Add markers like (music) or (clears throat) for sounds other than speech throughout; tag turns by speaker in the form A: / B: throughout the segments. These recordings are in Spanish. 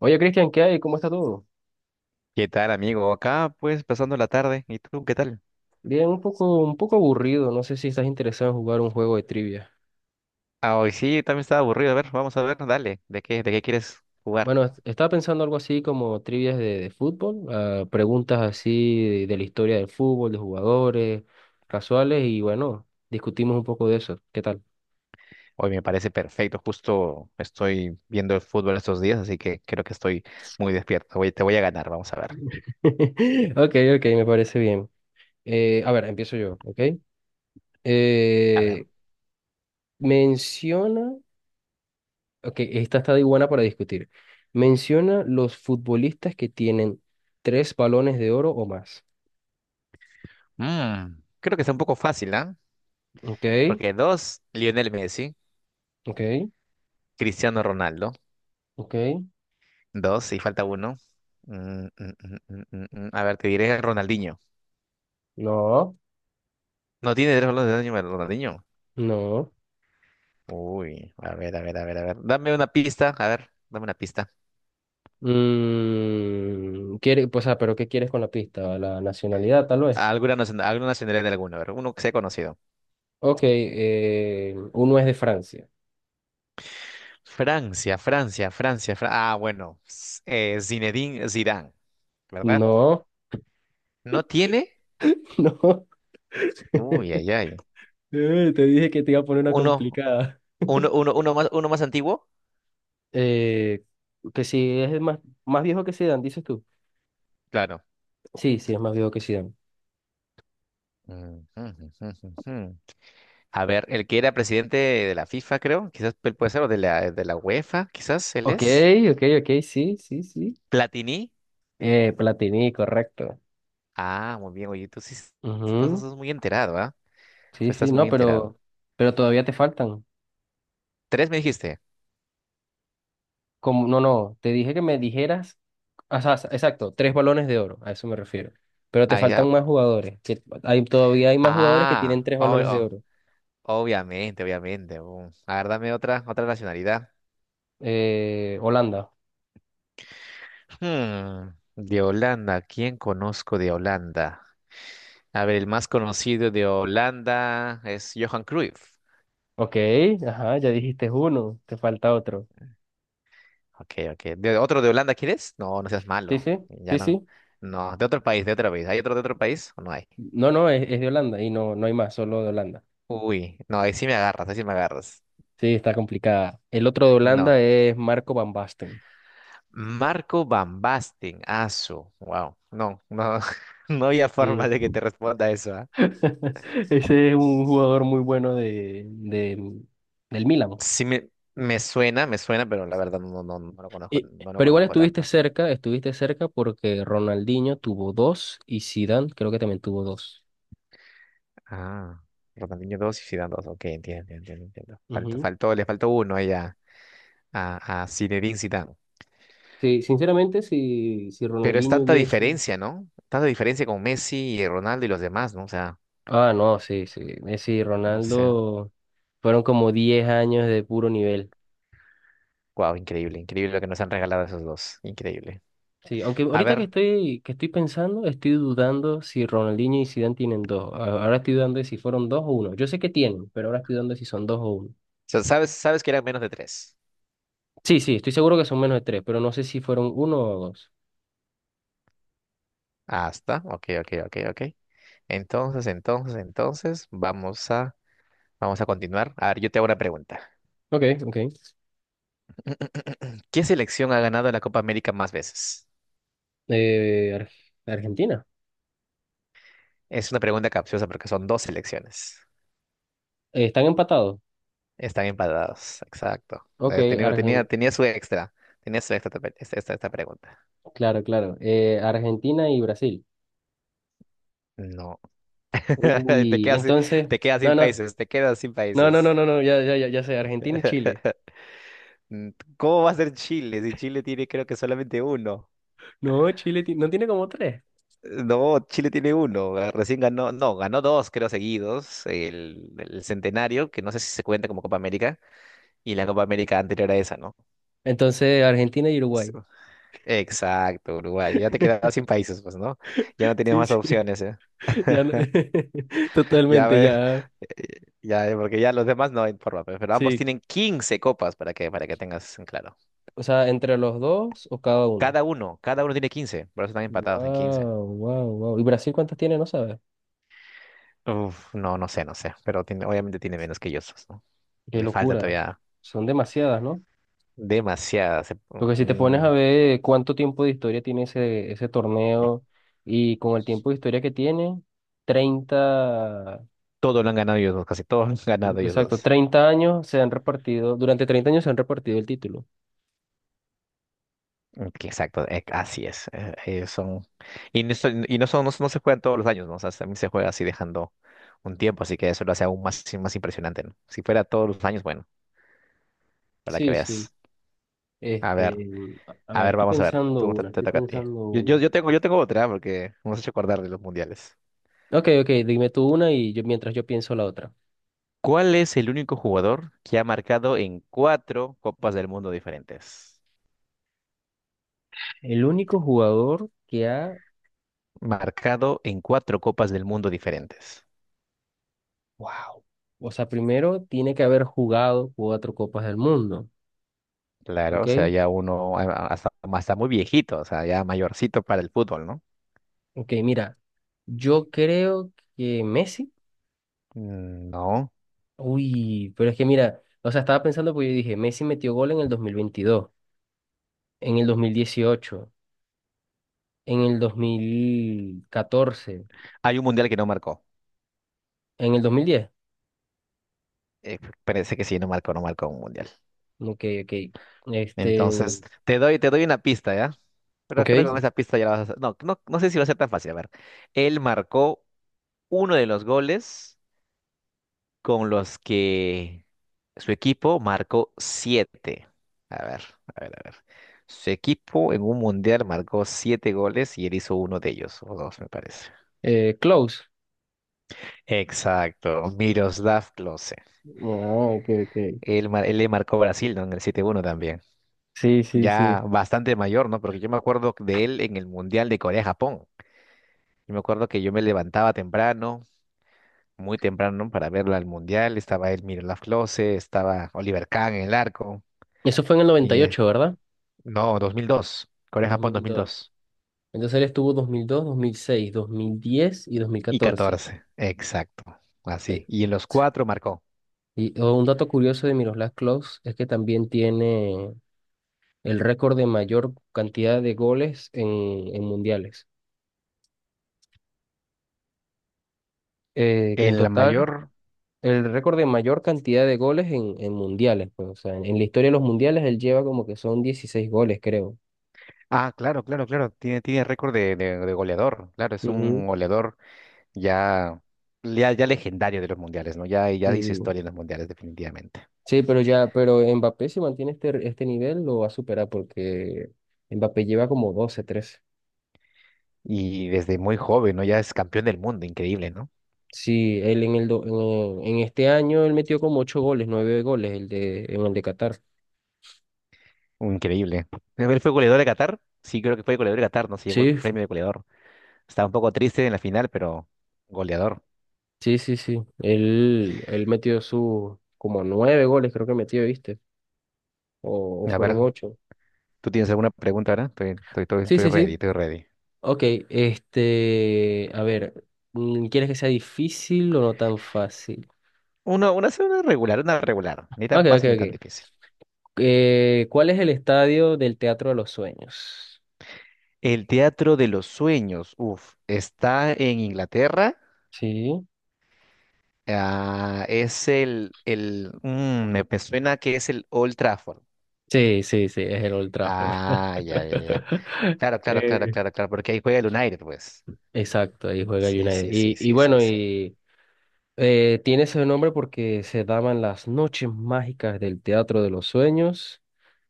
A: Oye, Cristian, ¿qué hay? ¿Cómo está todo?
B: ¿Qué tal, amigo? Acá, pues, pasando la tarde. ¿Y tú, qué tal?
A: Bien, un poco aburrido. No sé si estás interesado en jugar un juego de trivia.
B: Ah, hoy sí, también estaba aburrido. A ver, vamos a ver, dale. ¿De qué quieres jugar?
A: Bueno, estaba pensando algo así como trivias de fútbol, preguntas así de la historia del fútbol, de jugadores, casuales, y bueno, discutimos un poco de eso. ¿Qué tal?
B: Hoy me parece perfecto. Justo estoy viendo el fútbol estos días, así que creo que estoy muy despierto. Te voy a ganar, vamos a ver.
A: (laughs) Ok, ok, me parece bien. A ver, empiezo yo, ¿ok?
B: A ver.
A: Eh, menciona, ok, esta está de buena para discutir. Menciona los futbolistas que tienen tres balones de oro o más.
B: Creo que está un poco fácil, ¿ah?
A: Ok,
B: Porque dos, Lionel Messi,
A: ok,
B: Cristiano Ronaldo.
A: ok.
B: Dos, y falta uno. Mm. A ver, te diré Ronaldinho.
A: No,
B: No tiene tres balones de daño, Ronaldinho.
A: no.
B: Uy, a ver, a ver, a ver, a ver. Dame una pista, a ver, dame una pista.
A: Pues, pero ¿qué quieres con la pista? La nacionalidad, tal vez.
B: Alguna nacionalidad de alguno, a ver, uno que sea conocido.
A: Ok, uno es de Francia.
B: Francia, Francia, Francia, Ah, bueno, Zinedine Zidane, ¿verdad?
A: No,
B: ¿No tiene?
A: (laughs) no.
B: Uy, ay, ay.
A: Te dije que te iba a poner una
B: Uno,
A: complicada.
B: uno,
A: (laughs)
B: uno, uno más, uno más antiguo,
A: Eh, que si es más viejo que Zidane, dices tú.
B: claro.
A: Sí, sí, es más viejo que Zidane.
B: Mm, mm, mm, mm, mm. mm. A ver, el que era presidente de la FIFA, creo, quizás él puede ser, o de la UEFA, quizás él
A: Ok,
B: es.
A: ok, ok, sí, sí, sí.
B: Platini.
A: Platini, correcto.
B: Ah, muy bien, oye, tú sí estás,
A: Ujú.
B: estás muy enterado, ¿ah? Tú
A: Sí, sí,
B: estás muy
A: no,
B: enterado.
A: pero todavía te faltan.
B: Tres me dijiste.
A: Como, no, no, te dije que me dijeras, o sea, exacto, tres balones de oro, a eso me refiero. Pero te
B: Ah,
A: faltan
B: ya.
A: más jugadores, que hay, todavía hay más jugadores que
B: Ah,
A: tienen tres
B: oh,
A: balones de
B: oh,
A: oro.
B: obviamente, obviamente. A ver, dame otra nacionalidad.
A: Holanda.
B: Hmm, de Holanda, ¿quién conozco de Holanda? A ver, el más conocido de Holanda es Johan Cruyff.
A: Ok, ajá, ya dijiste uno, te falta otro.
B: Ok, ok. ¿De otro de Holanda quieres? No, no seas
A: Sí,
B: malo.
A: sí,
B: Ya
A: sí,
B: no.
A: sí.
B: No, de otro país, de otro país. ¿Hay otro de otro país o no hay?
A: No, no, es de Holanda y no, no hay más, solo de Holanda.
B: Uy, no, ahí sí me agarras, ahí sí me agarras.
A: Sí, está complicada. El otro de
B: No.
A: Holanda es Marco Van Basten.
B: Marco Van Basten, aso. Wow. No, no, (laughs) no había forma
A: Sí.
B: de que te responda eso, ¿ah?
A: (laughs) Ese es un jugador muy bueno del Milan.
B: Sí me suena, me suena, pero la verdad no lo conozco,
A: Y-
B: no lo
A: pero igual
B: conozco tanto.
A: estuviste cerca porque Ronaldinho tuvo dos y Zidane creo que también tuvo dos.
B: Ah, Ronaldinho 2 y Zidane dos, ok, entiendo, entiendo, entiendo.
A: Ujú.
B: Le faltó uno ahí a Zinedine Zidane.
A: Sí, sinceramente, si
B: Pero es
A: Ronaldinho
B: tanta
A: hubiese...
B: diferencia, ¿no? Tanta diferencia con Messi y Ronaldo y los demás, ¿no? O sea,
A: Ah, no, sí, sí. Messi y
B: no sé.
A: Ronaldo fueron como 10 años de puro nivel.
B: Wow, increíble, increíble lo que nos han regalado esos dos. Increíble.
A: Sí, aunque
B: A
A: ahorita
B: ver,
A: que
B: o
A: estoy, que estoy pensando, estoy dudando si Ronaldinho y Zidane tienen dos. Ahora estoy dudando de si fueron dos o uno. Yo sé que tienen, pero ahora estoy dudando de si son dos o uno.
B: sea, sabes que eran menos de tres.
A: Sí, sí, estoy seguro que son menos de tres, pero no sé si fueron uno o dos.
B: Hasta, ok, ok, ok, ok. Entonces, vamos a continuar. A ver, yo te hago una pregunta.
A: Ok, ok.
B: (clears throat) ¿Qué selección ha ganado la Copa América más veces?
A: Eh, Ar- Argentina.
B: Es una pregunta capciosa porque son dos selecciones.
A: ¿Están empatados?
B: Están empatados, exacto.
A: Ok.
B: Eh, Tenía, tenía, tenía su extra. Tenía su extra esta pregunta.
A: Claro, claro. Argentina y Brasil.
B: No. (laughs) Te
A: Uy,
B: quedas, sin-
A: entonces,
B: te quedas sin
A: no, no,
B: países, te quedas sin
A: no, no, no,
B: países.
A: no, no, ya, ya, ya, ya sé, Argentina y Chile.
B: (laughs) Mm, ¿Cómo va a ser Chile? Si Chile tiene creo que solamente uno.
A: No, Chile no tiene como tres.
B: No, Chile tiene uno, recién ganó, no, ganó dos, creo, seguidos, el centenario, que no sé si se cuenta como Copa América, y la Copa América anterior a esa, ¿no?
A: Entonces, Argentina y
B: Sí.
A: Uruguay.
B: Exacto, Uruguay, ya te
A: (laughs)
B: quedabas sin países, pues, ¿no? Ya no tenías
A: Sí,
B: más
A: sí,
B: opciones, ¿eh?
A: (laughs) ya, (laughs)
B: Ya
A: totalmente,
B: ves,
A: ya.
B: (laughs) ya, porque ya los demás no hay forma, pero ambos
A: Sí,
B: tienen 15 copas, para que tengas en claro.
A: o sea, entre los dos o cada uno.
B: Cada uno tiene 15, por eso están empatados en 15.
A: Wow, wow, wow. ¿Y Brasil cuántas tiene? No sabes.
B: Uf, no, no sé, no sé, pero obviamente tiene menos que ellos, ¿no?
A: Qué
B: Le falta
A: locura.
B: todavía.
A: Son demasiadas, ¿no?
B: Demasiadas.
A: Porque si te pones
B: Mm,
A: a ver cuánto tiempo de historia tiene ese torneo y con el tiempo de historia que tiene, 30
B: Todo lo han ganado ellos dos, casi todos lo han (laughs) ganado ellos
A: exacto,
B: dos.
A: 30 años se han repartido, durante 30 años se han repartido el título.
B: Ok, exacto, así es. Ellos son. Y no son, no se juegan todos los años, ¿no? O sea, también se juega así dejando un tiempo, así que eso lo hace aún más, sí, más impresionante, ¿no? Si fuera todos los años, bueno, para que
A: Sí, sí.
B: veas. A ver,
A: Este, a a
B: a
A: ver,
B: ver,
A: estoy
B: vamos a ver.
A: pensando
B: Tú te,
A: una,
B: te
A: estoy
B: toca a ti.
A: pensando
B: Yo, yo,
A: una.
B: yo tengo, yo tengo otra, porque hemos hecho acordar de los mundiales.
A: Ok, ok, dime tú una y yo mientras yo pienso la otra.
B: ¿Cuál es el único jugador que ha marcado en cuatro Copas del Mundo diferentes?
A: El único jugador que ha,
B: Marcado en cuatro copas del mundo diferentes.
A: wow, o sea, primero tiene que haber jugado cuatro copas del mundo,
B: Claro, o sea,
A: ¿ok?
B: ya uno hasta muy viejito, o sea, ya mayorcito para el fútbol, ¿no?
A: Ok, mira. Yo creo que Messi.
B: Mm, no.
A: Uy, pero es que mira, o sea, estaba pensando porque yo dije, Messi metió gol en el 2022, en el 2018, en el 2014,
B: Hay un mundial que no marcó.
A: en el 2010.
B: Eh, Parece que sí, no marcó, no marcó un mundial.
A: Ok, ok. Este,
B: Entonces, te doy una pista, ¿ya? Pero creo que con
A: ok.
B: esa pista ya la vas a. No, no, no sé si va a ser tan fácil. A ver, él marcó uno de los goles con los que su equipo marcó siete. A ver, a ver, a ver. Su equipo en un mundial marcó 7 goles y él hizo uno de ellos, o dos, me parece.
A: Close.
B: Exacto, Miroslav Klose.
A: Ah, ok, ok.
B: Él le marcó a Brasil, ¿no? En el 7-1 también.
A: Sí, sí, sí.
B: Ya bastante mayor, ¿no? Porque yo me acuerdo de él en el Mundial de Corea-Japón. Yo me acuerdo que yo me levantaba temprano, muy temprano, para verlo al Mundial. Estaba él, Miroslav Klose, estaba Oliver Kahn en el arco.
A: Eso fue en el noventa
B: Y
A: y
B: eh,
A: ocho, ¿verdad?
B: No, 2002.
A: dos
B: Corea-Japón
A: mil dos,
B: 2002.
A: Entonces él estuvo 2002, dos mil seis, 2010 y
B: Y
A: 2014.
B: 14. Exacto.
A: Eh,
B: Así. Y en los cuatro marcó.
A: Y oh, un dato curioso de Miroslav Klose es que también tiene el récord de mayor cantidad de goles en mundiales. Que en
B: El
A: total,
B: mayor.
A: el récord de mayor cantidad de goles en mundiales. Pues, o sea, en la historia de los mundiales él lleva como que son 16 goles, creo.
B: Ah, claro, claro, claro. Tiene récord de goleador. Claro, es un
A: Ujú.
B: goleador ya, ya legendario de los mundiales, ¿no? Ya dice
A: Sí,
B: historia en los mundiales, definitivamente.
A: sí, pero ya, pero Mbappé si mantiene este nivel lo va a superar porque Mbappé lleva como 12 13.
B: Y desde muy joven, ¿no? Ya es campeón del mundo. Increíble, ¿no?
A: Sí, él en el en este año él metió como 8 goles, 9 goles en el de Qatar.
B: Increíble. Él fue goleador de Qatar. Sí, creo que fue goleador de Qatar, ¿no? Se llevó el
A: Sí,
B: premio de goleador. Estaba un poco triste en la final, pero goleador.
A: sí, sí, sí. Él metió su como nueve goles, creo que metió, ¿viste? O
B: A
A: fueron
B: ver.
A: ocho.
B: ¿Tú tienes alguna pregunta ahora? Estoy, estoy, estoy,
A: Sí,
B: estoy
A: sí,
B: ready,
A: sí.
B: estoy ready.
A: Ok, este, a ver, ¿quieres que sea difícil o no tan fácil?
B: Una, sí, una regular, una regular. Ni tan
A: Ok, ok,
B: fácil ni tan
A: ok.
B: difícil.
A: ¿Cuál es el estadio del Teatro de los Sueños?
B: El Teatro de los Sueños, uf, está en Inglaterra.
A: Sí.
B: Ah, es el me suena que es el Old Trafford.
A: Sí, sí, sí, es el Old Trafford.
B: Ah, ya, ya, ya.
A: (laughs)
B: Claro, claro, claro,
A: Eh,
B: claro, claro, porque ahí juega el United, pues.
A: exacto, ahí juega
B: Sí,
A: United.
B: sí, sí,
A: Y
B: sí, sí,
A: bueno,
B: sí.
A: y tiene ese nombre porque se daban las noches mágicas del Teatro de los Sueños,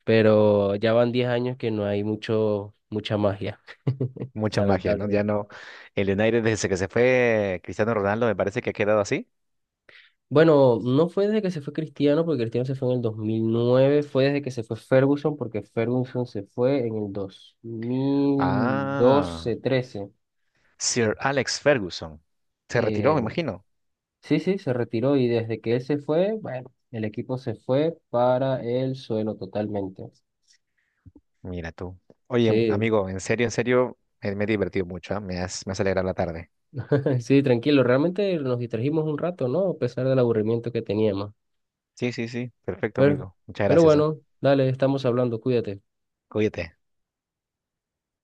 A: pero ya van 10 años que no hay mucha magia, (laughs)
B: Mucha magia, ¿no? Ya
A: lamentablemente.
B: no. El United desde que se fue Cristiano Ronaldo me parece que ha quedado así.
A: Bueno, no fue desde que se fue Cristiano, porque Cristiano se fue en el 2009, fue desde que se fue Ferguson, porque Ferguson se fue en el dos mil
B: Ah.
A: doce 13.
B: Sir Alex Ferguson. Se retiró, me
A: Eh,
B: imagino.
A: sí, sí, se retiró y desde que él se fue, bueno, el equipo se fue para el suelo totalmente.
B: Mira tú. Oye,
A: Sí.
B: amigo, en serio, me he divertido mucho, ¿ah? Me has alegrado la tarde.
A: (laughs) Sí, tranquilo, realmente nos distrajimos un rato, ¿no? A pesar del aburrimiento que teníamos.
B: Sí, sí, sí. Perfecto,
A: Pero,
B: amigo. Muchas
A: pero
B: gracias, ¿ah?
A: bueno, dale, estamos hablando, cuídate.
B: Cuídate.